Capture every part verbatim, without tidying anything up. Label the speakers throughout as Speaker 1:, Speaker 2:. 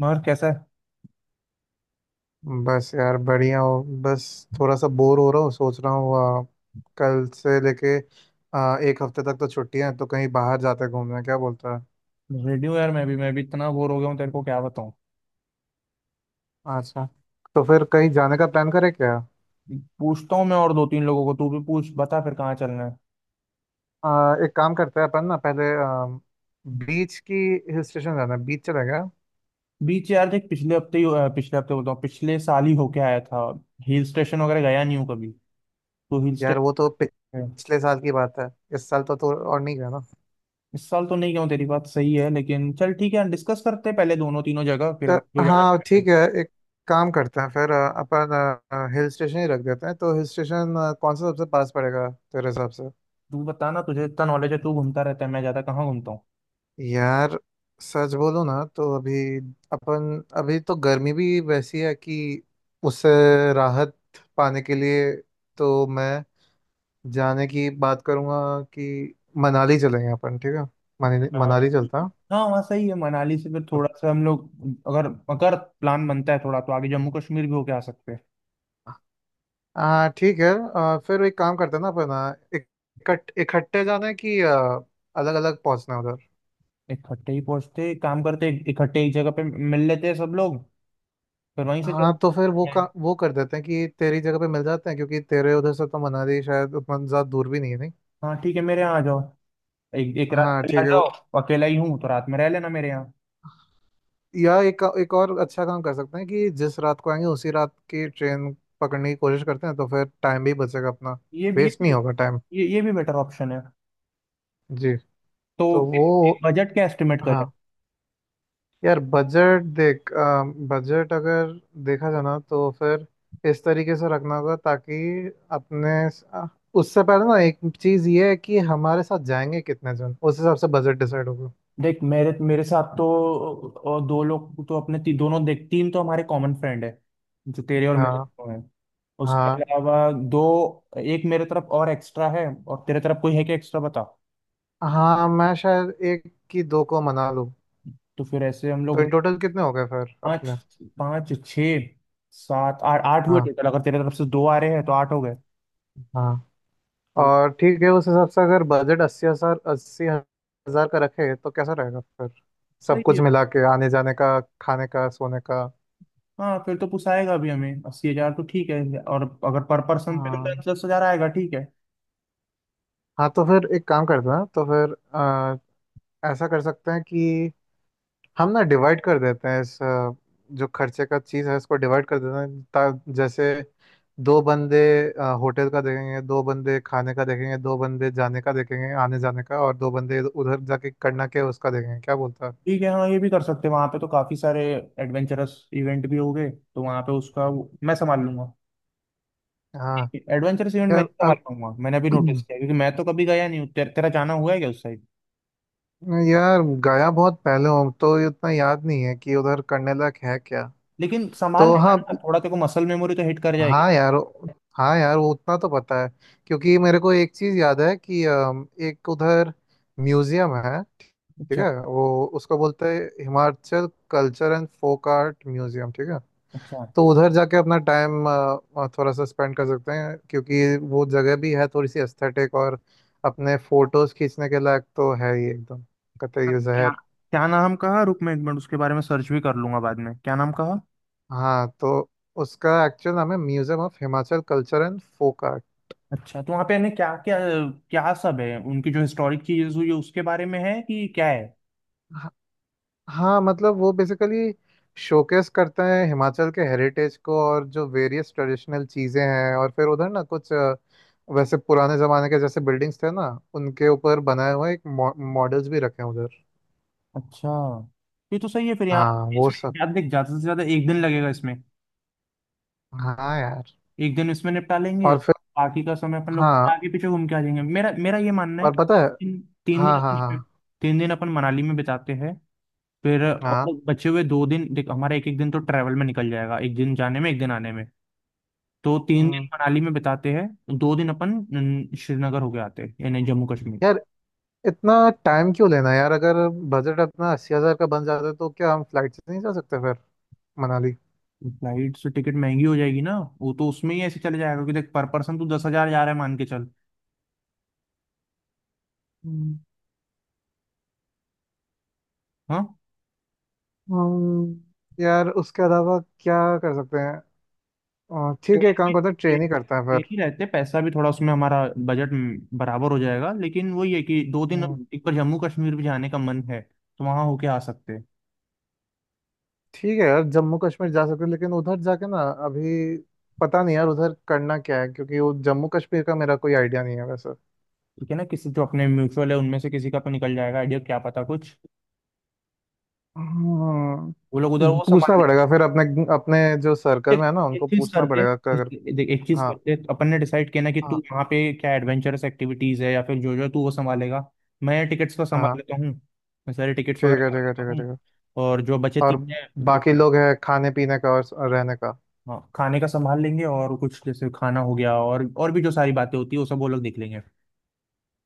Speaker 1: मगर कैसा
Speaker 2: बस यार बढ़िया हो बस। थोड़ा सा बोर हो रहा हूँ। सोच रहा हूँ आ, कल से लेके आ, एक हफ्ते तक तो छुट्टियां हैं, तो कहीं बाहर जाते हैं घूमने। क्या बोलता है।
Speaker 1: है रेडियो यार, मैं भी मैं भी इतना बोर हो गया हूँ तेरे को क्या बताऊँ।
Speaker 2: अच्छा। तो फिर कहीं जाने का प्लान करें क्या।
Speaker 1: पूछता हूँ मैं और दो तीन लोगों को, तू भी पूछ बता फिर कहाँ चलना है।
Speaker 2: आ, एक काम करते हैं अपन ना। पहले बीच की हिल स्टेशन जाना है। बीच चलेगा।
Speaker 1: बीच यार, देख पिछले हफ्ते ही अ, पिछले हफ्ते बोलता हूँ, पिछले साल ही होके आया था। हिल स्टेशन वगैरह गया नहीं हूँ कभी। तो हिल
Speaker 2: यार वो तो पिछ-
Speaker 1: स्टेशन
Speaker 2: पिछले साल की बात है। इस साल तो, तो और नहीं गया ना।
Speaker 1: इस साल तो नहीं गया हूँ, तेरी बात सही है, लेकिन चल ठीक है, डिस्कस करते हैं पहले दोनों तीनों जगह फिर अगर जो
Speaker 2: तो,
Speaker 1: ज्यादा
Speaker 2: हाँ,
Speaker 1: better लगे।
Speaker 2: ठीक है। एक काम करते हैं फिर अ, अपन हिल स्टेशन ही रख देते हैं। तो हिल स्टेशन कौन सा सबसे पास पड़ेगा तेरे हिसाब से।
Speaker 1: तू बता ना, तुझे इतना नॉलेज है, तू घूमता रहता है, मैं ज्यादा कहाँ घूमता।
Speaker 2: यार सच बोलो ना, तो अभी अपन अभी तो गर्मी भी वैसी है कि उससे राहत पाने के लिए, तो मैं जाने की बात करूंगा कि मनाली चलेंगे अपन, ठीक है। मनाली
Speaker 1: हाँ
Speaker 2: मनाली चलता है।
Speaker 1: हाँ, वहाँ सही है। मनाली से फिर थोड़ा सा हम लोग अगर अगर प्लान बनता है थोड़ा, तो आगे जम्मू कश्मीर भी होके आ सकते हैं।
Speaker 2: हाँ ठीक है। आ, फिर एक काम करते हैं ना अपन। आ, इक- इकट्ठ इकट्ठे जाना है कि अलग अलग पहुंचना है उधर।
Speaker 1: इकट्ठे ही पहुंचते, एक काम करते इकट्ठे एक जगह पे मिल लेते हैं सब लोग, फिर वहीं से
Speaker 2: हाँ तो फिर वो
Speaker 1: चलते
Speaker 2: का
Speaker 1: हैं।
Speaker 2: वो कर देते हैं कि तेरी जगह पे मिल जाते हैं, क्योंकि तेरे उधर से तो मनाली शायद उतना ज़्यादा दूर भी नहीं है नहीं।
Speaker 1: हाँ ठीक है, मेरे यहाँ आ जाओ, एक एक रात
Speaker 2: हाँ
Speaker 1: पहले आ
Speaker 2: ठीक है।
Speaker 1: जाओ। अकेला ही हूँ तो रात में रह लेना मेरे यहाँ।
Speaker 2: या एक एक और अच्छा काम कर सकते हैं कि जिस रात को आएंगे उसी रात की ट्रेन पकड़ने की कोशिश करते हैं, तो फिर टाइम भी बचेगा अपना।
Speaker 1: ये भी, ये
Speaker 2: वेस्ट नहीं
Speaker 1: भी,
Speaker 2: होगा टाइम।
Speaker 1: ये, ये भी बेटर ऑप्शन है।
Speaker 2: जी।
Speaker 1: तो
Speaker 2: तो वो।
Speaker 1: एक, एक बजट क्या एस्टिमेट करें।
Speaker 2: हाँ यार बजट देख। बजट अगर देखा जाना तो फिर इस तरीके से रखना होगा ताकि अपने अ, उससे पहले ना एक चीज़ ये है कि हमारे साथ जाएंगे कितने जन, उस हिसाब से बजट डिसाइड होगा।
Speaker 1: देख मेरे मेरे साथ तो और दो लोग तो अपने, ती, दोनों देख, तीन तो हमारे कॉमन फ्रेंड है जो तेरे और मेरे
Speaker 2: हाँ।
Speaker 1: दोनों हैं। उसके
Speaker 2: हाँ।
Speaker 1: अलावा दो, एक मेरे तरफ और एक्स्ट्रा है, और तेरे तरफ कोई है क्या एक्स्ट्रा, बता।
Speaker 2: हाँ मैं शायद एक की दो को मना लूँ।
Speaker 1: तो फिर ऐसे हम
Speaker 2: तो
Speaker 1: लोग
Speaker 2: इन टोटल कितने हो गए फिर
Speaker 1: पाँच,
Speaker 2: अपने।
Speaker 1: पाँच छः सात आठ, आठ हुए
Speaker 2: हाँ।
Speaker 1: टोटल। अगर तेरे तरफ से दो आ रहे हैं तो आठ हो गए।
Speaker 2: हाँ।
Speaker 1: तो
Speaker 2: और ठीक है, उस हिसाब से अगर बजट अस्सी हजार अस्सी हजार का रखे तो कैसा रहेगा फिर। सब
Speaker 1: सही
Speaker 2: कुछ
Speaker 1: है,
Speaker 2: मिला के आने जाने का, खाने का, सोने का।
Speaker 1: हाँ। फिर तो पुसाएगा भी हमें अस्सी हजार, तो ठीक है। और अगर पर पर्सन पे तो
Speaker 2: हाँ।
Speaker 1: दस दस हजार आएगा, ठीक है।
Speaker 2: हाँ तो फिर एक काम करते हैं। तो फिर अ, ऐसा कर सकते हैं कि हम ना डिवाइड कर देते हैं इस अ, जो खर्चे का चीज़ है इसको डिवाइड कर देते हैं, ता, जैसे दो बंदे अ, होटल का देखेंगे, दो बंदे खाने का देखेंगे, दो बंदे जाने का देखेंगे आने जाने का, और दो बंदे इधर- उधर जाके करना के उसका देखेंगे। क्या बोलता है।
Speaker 1: ठीक है, हाँ ये भी कर सकते हैं। वहाँ पे तो काफी सारे एडवेंचरस इवेंट भी हो गए, तो वहाँ पे उसका वो- मैं संभाल लूंगा।
Speaker 2: हाँ
Speaker 1: एडवेंचरस इवेंट मैं
Speaker 2: यार
Speaker 1: इतना
Speaker 2: अब
Speaker 1: मानूंगा, मैंने अभी नोटिस किया, क्योंकि मैं तो कभी गया नहीं हूँ। तेर, तेरा जाना हुआ है क्या उस साइड।
Speaker 2: यार गया बहुत पहले हूँ, तो ये उतना याद नहीं है कि उधर करने लायक है क्या।
Speaker 1: लेकिन संभाल
Speaker 2: तो
Speaker 1: लेगा
Speaker 2: हाँ।
Speaker 1: ना थोड़ा, तेरे को मसल मेमोरी तो हिट कर जाएगी।
Speaker 2: हाँ यार। हाँ यार वो उतना तो पता है, क्योंकि मेरे को एक चीज़ याद है कि अम, एक उधर म्यूजियम है। ठीक
Speaker 1: अच्छा।
Speaker 2: है, वो उसको बोलते हैं Himachal culture and folk art museum. ठीक है,
Speaker 1: अच्छा,
Speaker 2: तो उधर जाके अपना टाइम थोड़ा सा स्पेंड कर सकते हैं, क्योंकि वो जगह भी है थोड़ी सी एस्थेटिक और अपने फोटोज खींचने के लायक तो है ही एकदम।
Speaker 1: तो
Speaker 2: कतई
Speaker 1: क्या,
Speaker 2: जहर।
Speaker 1: क्या नाम कहा, रुक मैं एक मिनट उसके बारे में सर्च भी कर लूंगा बाद में, क्या नाम कहा।
Speaker 2: हाँ तो उसका एक्चुअल नाम है museum of Himachal culture and folk art.
Speaker 1: अच्छा, तो वहाँ पे यानी क्या क्या, क्या सब है, उनकी जो हिस्टोरिक चीजें हुई है, उसके बारे में है कि क्या है।
Speaker 2: हाँ। हाँ, मतलब वो बेसिकली शोकेस करता है हिमाचल के हेरिटेज को और जो वेरियस ट्रेडिशनल चीज़ें हैं। और फिर उधर ना कुछ अ, वैसे पुराने ज़माने के जैसे बिल्डिंग्स थे ना उनके ऊपर बनाए हुए एक मॉडल्स भी रखे हैं उधर।
Speaker 1: अच्छा, ये तो सही है। फिर
Speaker 2: हाँ
Speaker 1: यहाँ
Speaker 2: वो
Speaker 1: इसमें
Speaker 2: सब।
Speaker 1: ज्यादा देख, ज्यादा से ज्यादा एक दिन लगेगा इसमें,
Speaker 2: हाँ यार
Speaker 1: एक दिन इसमें निपटा लेंगे।
Speaker 2: और फिर।
Speaker 1: बाकी का समय अपन लोग
Speaker 2: हाँ
Speaker 1: आगे पीछे घूम के आ जाएंगे। मेरा मेरा ये मानना है
Speaker 2: और
Speaker 1: कि
Speaker 2: पता है।
Speaker 1: तीन तीन दिन
Speaker 2: हाँ हाँ हाँ
Speaker 1: अपन तीन दिन अपन मनाली में बिताते हैं। फिर और
Speaker 2: हाँ।
Speaker 1: बचे हुए दो दिन, देख हमारा एक एक दिन तो ट्रैवल में निकल जाएगा, एक दिन जाने में एक दिन आने में। तो तीन दिन
Speaker 2: हम्म,
Speaker 1: मनाली में बिताते हैं, दो दिन अपन न, श्रीनगर होके आते हैं, यानी जम्मू कश्मीर।
Speaker 2: यार इतना टाइम क्यों लेना यार। अगर बजट अपना अस्सी हजार का बन जाता है तो क्या हम फ्लाइट से नहीं जा सकते फिर। मनाली।
Speaker 1: फ्लाइट से टिकट महंगी हो जाएगी ना, वो तो उसमें ही ऐसे चले जाएगा कि देख पर पर्सन तू दस हजार जा रहा है मान के चल।
Speaker 2: हम्म,
Speaker 1: हाँ।
Speaker 2: हम्म, यार उसके अलावा क्या कर सकते हैं। अ, ठीक
Speaker 1: ट्रेन
Speaker 2: है, एक काम
Speaker 1: में
Speaker 2: करते हैं
Speaker 1: ट्रेन
Speaker 2: ट्रेन ही करते हैं
Speaker 1: ट्रेन
Speaker 2: फिर।
Speaker 1: ही रहते, पैसा भी थोड़ा उसमें हमारा बजट बराबर हो जाएगा। लेकिन वही है कि दो दिन,
Speaker 2: हम्म,
Speaker 1: एक बार जम्मू कश्मीर भी जाने का मन है तो वहां होके आ सकते हैं।
Speaker 2: ठीक है यार, जम्मू कश्मीर जा सकते हैं, लेकिन उधर जाके ना अभी पता नहीं यार उधर करना क्या है, क्योंकि वो जम्मू कश्मीर का मेरा कोई आइडिया नहीं है वैसे।
Speaker 1: ठीक है ना, किसी जो अपने म्यूचुअल है उनमें से किसी का तो निकल जाएगा आइडिया, क्या पता, कुछ वो लोग उधर
Speaker 2: हम्म,
Speaker 1: वो संभाल
Speaker 2: पूछना
Speaker 1: लेंगे।
Speaker 2: पड़ेगा फिर अपने अपने जो सर्कल
Speaker 1: देख,
Speaker 2: में है ना उनको
Speaker 1: एक चीज
Speaker 2: पूछना
Speaker 1: करते
Speaker 2: पड़ेगा कि अगर।
Speaker 1: देख एक चीज
Speaker 2: हाँ।
Speaker 1: करते, तो अपन ने डिसाइड किया ना कि तू
Speaker 2: हाँ।
Speaker 1: वहाँ पे क्या एडवेंचरस एक्टिविटीज है या फिर जो जो है, तू वो संभालेगा। मैं टिकट्स का संभाल
Speaker 2: हाँ
Speaker 1: लेता हूँ, मैं सारे टिकट्स
Speaker 2: ठीक
Speaker 1: वगैरह
Speaker 2: है
Speaker 1: कर
Speaker 2: ठीक है ठीक
Speaker 1: लेता
Speaker 2: है
Speaker 1: हूँ।
Speaker 2: ठीक है।
Speaker 1: और जो बचे
Speaker 2: और
Speaker 1: तीन है जो,
Speaker 2: बाकी लोग है खाने पीने का और और रहने का।
Speaker 1: हाँ खाने का संभाल लेंगे और कुछ जैसे खाना हो गया और और भी जो सारी बातें होती है वो सब वो लोग देख लेंगे।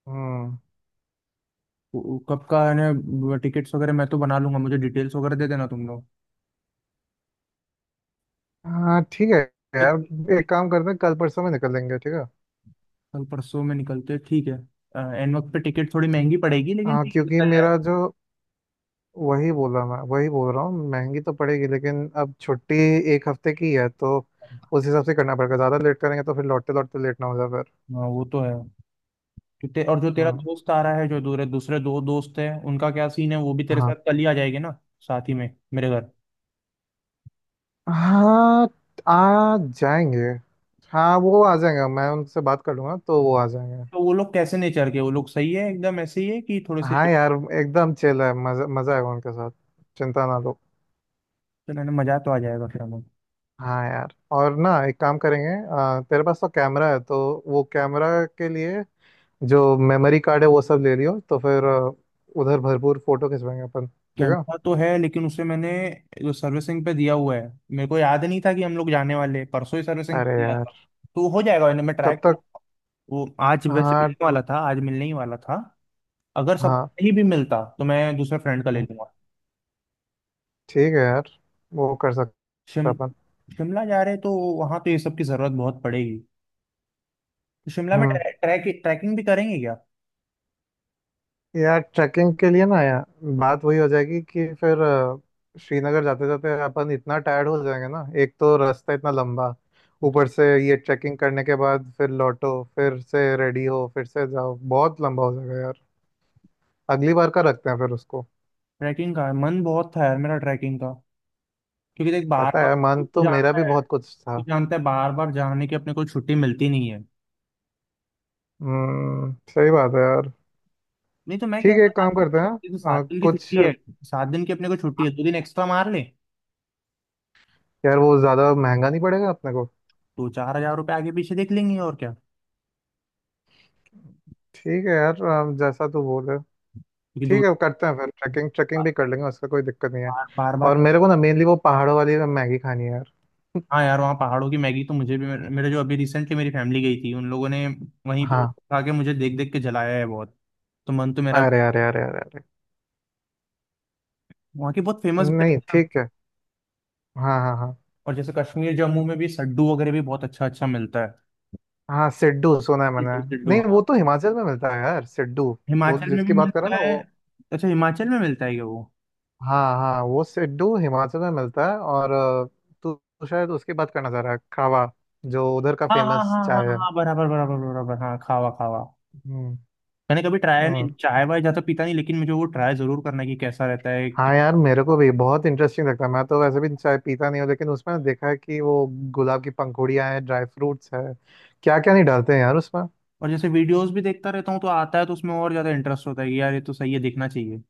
Speaker 2: हम्म।
Speaker 1: वो- वो कब का है ना, टिकट्स वगैरह मैं तो बना लूंगा, मुझे डिटेल्स वगैरह दे देना तुम लोग।
Speaker 2: हाँ ठीक है
Speaker 1: तो
Speaker 2: यार, एक काम करते हैं कल परसों में निकल लेंगे, ठीक है।
Speaker 1: कल परसों में निकलते हैं, ठीक है। अ, एन वक्त पे टिकट थोड़ी महंगी पड़ेगी, लेकिन
Speaker 2: हाँ
Speaker 1: ठीक है
Speaker 2: क्योंकि
Speaker 1: निकल जाएगा।
Speaker 2: मेरा जो वही बोला, मैं वही बोल रहा हूँ, महंगी तो पड़ेगी, लेकिन अब छुट्टी एक हफ्ते की है तो उस हिसाब से करना पड़ेगा। ज़्यादा लेट करेंगे तो फिर लौटते लौटते लेट ना हो जाए फिर।
Speaker 1: हाँ वो तो है। तो ते, और जो तेरा
Speaker 2: हम्म।
Speaker 1: दोस्त आ रहा है, जो दूसरे दूसरे दो दोस्त है, उनका क्या सीन है, वो भी तेरे
Speaker 2: हाँ।
Speaker 1: साथ कल ही आ जाएंगे ना, साथ ही में मेरे घर।
Speaker 2: हाँ आ जाएंगे। हाँ वो आ जाएंगे, मैं उनसे बात कर लूँगा, तो वो आ जाएंगे।
Speaker 1: तो वो लोग कैसे नेचर के, वो लोग सही है एकदम ऐसे ही है कि थोड़े से।
Speaker 2: हाँ यार एकदम चिल है। मज़ा मज़ा आएगा उनके साथ। चिंता ना लो।
Speaker 1: चलो ना, मजा तो आ जाएगा फिर हमें।
Speaker 2: हाँ यार, और ना एक काम करेंगे। आ, तेरे पास तो कैमरा है, तो वो कैमरा के लिए जो मेमोरी कार्ड है वो सब ले लियो, तो फिर आ, उधर भरपूर फोटो खिंचवाएंगे अपन, ठीक है।
Speaker 1: कैमरा तो है, लेकिन उसे मैंने जो सर्विसिंग पे दिया हुआ है, मेरे को याद नहीं था कि हम लोग जाने वाले हैं। परसों ही सर्विसिंग पे
Speaker 2: अरे
Speaker 1: दिया था।
Speaker 2: यार।
Speaker 1: तो हो जाएगा, मैंने मैं ट्राई
Speaker 2: कब तक।
Speaker 1: करूँगा। वो आज वैसे
Speaker 2: हाँ।
Speaker 1: मिलने वाला था, आज मिलने ही वाला था। अगर सब
Speaker 2: हाँ।
Speaker 1: नहीं भी मिलता तो मैं दूसरे फ्रेंड का ले
Speaker 2: हम्म,
Speaker 1: लूंगा।
Speaker 2: ठीक है यार वो कर सकते
Speaker 1: शिम
Speaker 2: हैं अपन।
Speaker 1: शिमला जा रहे हैं, तो वहाँ तो ये सब की ज़रूरत बहुत पड़ेगी। तो शिमला में
Speaker 2: हम्म
Speaker 1: ट्रै, ट्रैक, ट्रैकिंग भी करेंगे क्या।
Speaker 2: यार, ट्रैकिंग के लिए ना यार, बात वही हो जाएगी कि फिर अ, श्रीनगर जाते जाते अपन इतना टायर्ड हो जाएंगे ना, एक तो रास्ता इतना लंबा, ऊपर से ये ट्रैकिंग करने के बाद फिर लौटो फिर से रेडी हो फिर से जाओ, बहुत लंबा हो जाएगा यार। अगली बार का रखते हैं फिर उसको।
Speaker 1: ट्रैकिंग का मन बहुत था यार मेरा, ट्रैकिंग का। क्योंकि देख बार
Speaker 2: पता
Speaker 1: बार
Speaker 2: है,
Speaker 1: तू
Speaker 2: मन तो मेरा
Speaker 1: जानता
Speaker 2: भी
Speaker 1: है,
Speaker 2: बहुत कुछ
Speaker 1: तू
Speaker 2: था।
Speaker 1: जानता है बार बार जाने की अपने को छुट्टी मिलती नहीं है।
Speaker 2: हम्म सही बात है यार।
Speaker 1: नहीं तो मैं कह
Speaker 2: ठीक है
Speaker 1: रहा
Speaker 2: एक
Speaker 1: था
Speaker 2: काम करते
Speaker 1: कि जैसे
Speaker 2: हैं
Speaker 1: सात
Speaker 2: अ,
Speaker 1: दिन की
Speaker 2: कुछ।
Speaker 1: छुट्टी है, सात दिन की अपने को छुट्टी है, दो दिन एक्स्ट्रा मार ले।
Speaker 2: यार वो ज़्यादा महंगा नहीं पड़ेगा अपने को।
Speaker 1: तो चार हजार रुपये आगे पीछे देख लेंगे, और क्या।
Speaker 2: ठीक है यार, अ, जैसा तू बोले।
Speaker 1: क्योंकि दो,
Speaker 2: ठीक है, करते हैं फिर, ट्रैकिंग ट्रैकिंग भी कर लेंगे। उसका कोई दिक्कत नहीं है।
Speaker 1: बार बार
Speaker 2: और
Speaker 1: बार।
Speaker 2: मेरे को ना मेनली वो पहाड़ों वाली मैगी खानी है यार।
Speaker 1: हाँ यार, वहाँ पहाड़ों की मैगी तो मुझे भी, मेरे मेरे जो अभी रिसेंटली मेरी फैमिली गई थी उन लोगों ने वहीं पे
Speaker 2: हाँ।
Speaker 1: खा के मुझे देख देख के जलाया है बहुत। तो मन तो मेरा भी,
Speaker 2: अरे अरे अरे अरे अरे।
Speaker 1: वहाँ की बहुत फेमस भी है
Speaker 2: नहीं
Speaker 1: ना।
Speaker 2: ठीक है। हाँ हाँ हाँ।
Speaker 1: और जैसे कश्मीर जम्मू में भी सड्डू वगैरह भी बहुत अच्छा अच्छा मिलता है।
Speaker 2: हाँ सिड्डू सुना है मैंने।
Speaker 1: सिड्डू, सिड्डू,
Speaker 2: नहीं, वो
Speaker 1: हाँ।
Speaker 2: तो हिमाचल में मिलता है यार सिड्डू। वो
Speaker 1: हिमाचल में भी
Speaker 2: जिसकी बात कर रहा है
Speaker 1: मिलता
Speaker 2: ना,
Speaker 1: है।
Speaker 2: वो।
Speaker 1: अच्छा, हिमाचल में मिलता है क्या वो।
Speaker 2: हाँ हाँ, वो सिड्डू हिमाचल में मिलता है, और अ, तू तू शायद उसकी बात करना चाह रहा है, खावा, जो उधर का
Speaker 1: हाँ हाँ हाँ
Speaker 2: फेमस
Speaker 1: हाँ
Speaker 2: चाय
Speaker 1: हाँ
Speaker 2: है।
Speaker 1: हाँ, बराबर बराबर बराबर, हाँ, खावा, खावा।
Speaker 2: हम्म।
Speaker 1: मैंने कभी ट्राई
Speaker 2: हम्म।
Speaker 1: नहीं, चाय वाय ज्यादा पीता नहीं, लेकिन मुझे वो ट्राई जरूर करना है कि कैसा रहता है।
Speaker 2: हाँ यार, मेरे को भी बहुत इंटरेस्टिंग लगता है। मैं तो वैसे भी चाय पीता नहीं हूँ, लेकिन उसमें देखा है कि वो गुलाब की पंखुड़ियाँ हैं, ड्राई फ्रूट्स है, क्या क्या नहीं डालते हैं यार उसमें।
Speaker 1: और जैसे वीडियोस भी देखता रहता हूँ तो आता है, तो उसमें और ज्यादा इंटरेस्ट होता है कि यार ये तो सही है, देखना चाहिए।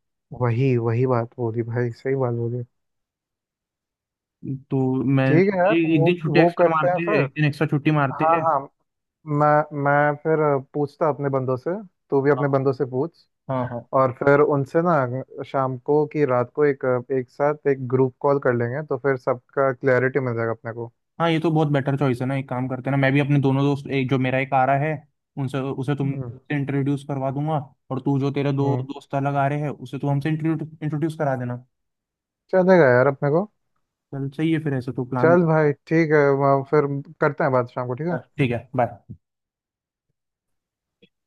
Speaker 2: वही वही बात बोली भाई, सही बात बोली।
Speaker 1: तो मैं
Speaker 2: ठीक है यार
Speaker 1: एक
Speaker 2: वो।
Speaker 1: दिन छुट्टी
Speaker 2: वो
Speaker 1: एक्स्ट्रा
Speaker 2: करते हैं
Speaker 1: मारते हैं,
Speaker 2: फिर।
Speaker 1: एक दिन एक्स्ट्रा छुट्टी मारते
Speaker 2: हाँ
Speaker 1: हैं।
Speaker 2: हाँ। मैं मैं फिर पूछता अपने बंदों से। तू भी अपने
Speaker 1: हाँ
Speaker 2: बंदों से पूछ।
Speaker 1: हाँ हाँ
Speaker 2: और फिर उनसे ना शाम को कि रात को एक एक साथ एक ग्रुप कॉल कर लेंगे, तो फिर सबका क्लैरिटी मिल जाएगा अपने को।
Speaker 1: हाँ, ये तो बहुत बेटर चॉइस है ना। एक काम करते हैं ना, मैं भी अपने दोनों दोस्त, एक जो मेरा एक आ रहा है, उनसे उसे तुम
Speaker 2: हम्म।
Speaker 1: इंट्रोड्यूस करवा दूंगा। और तू जो तेरे दो
Speaker 2: हम्म।
Speaker 1: दोस्त अलग आ रहे हैं, उसे तू हमसे इंट्रोड्यूस करा देना।
Speaker 2: चलेगा यार अपने को।
Speaker 1: चल सही है, फिर ऐसे तो प्लान।
Speaker 2: चल भाई ठीक है। वहाँ फिर करते हैं बात शाम को, ठीक
Speaker 1: हाँ,
Speaker 2: है।
Speaker 1: ठीक है, बाय।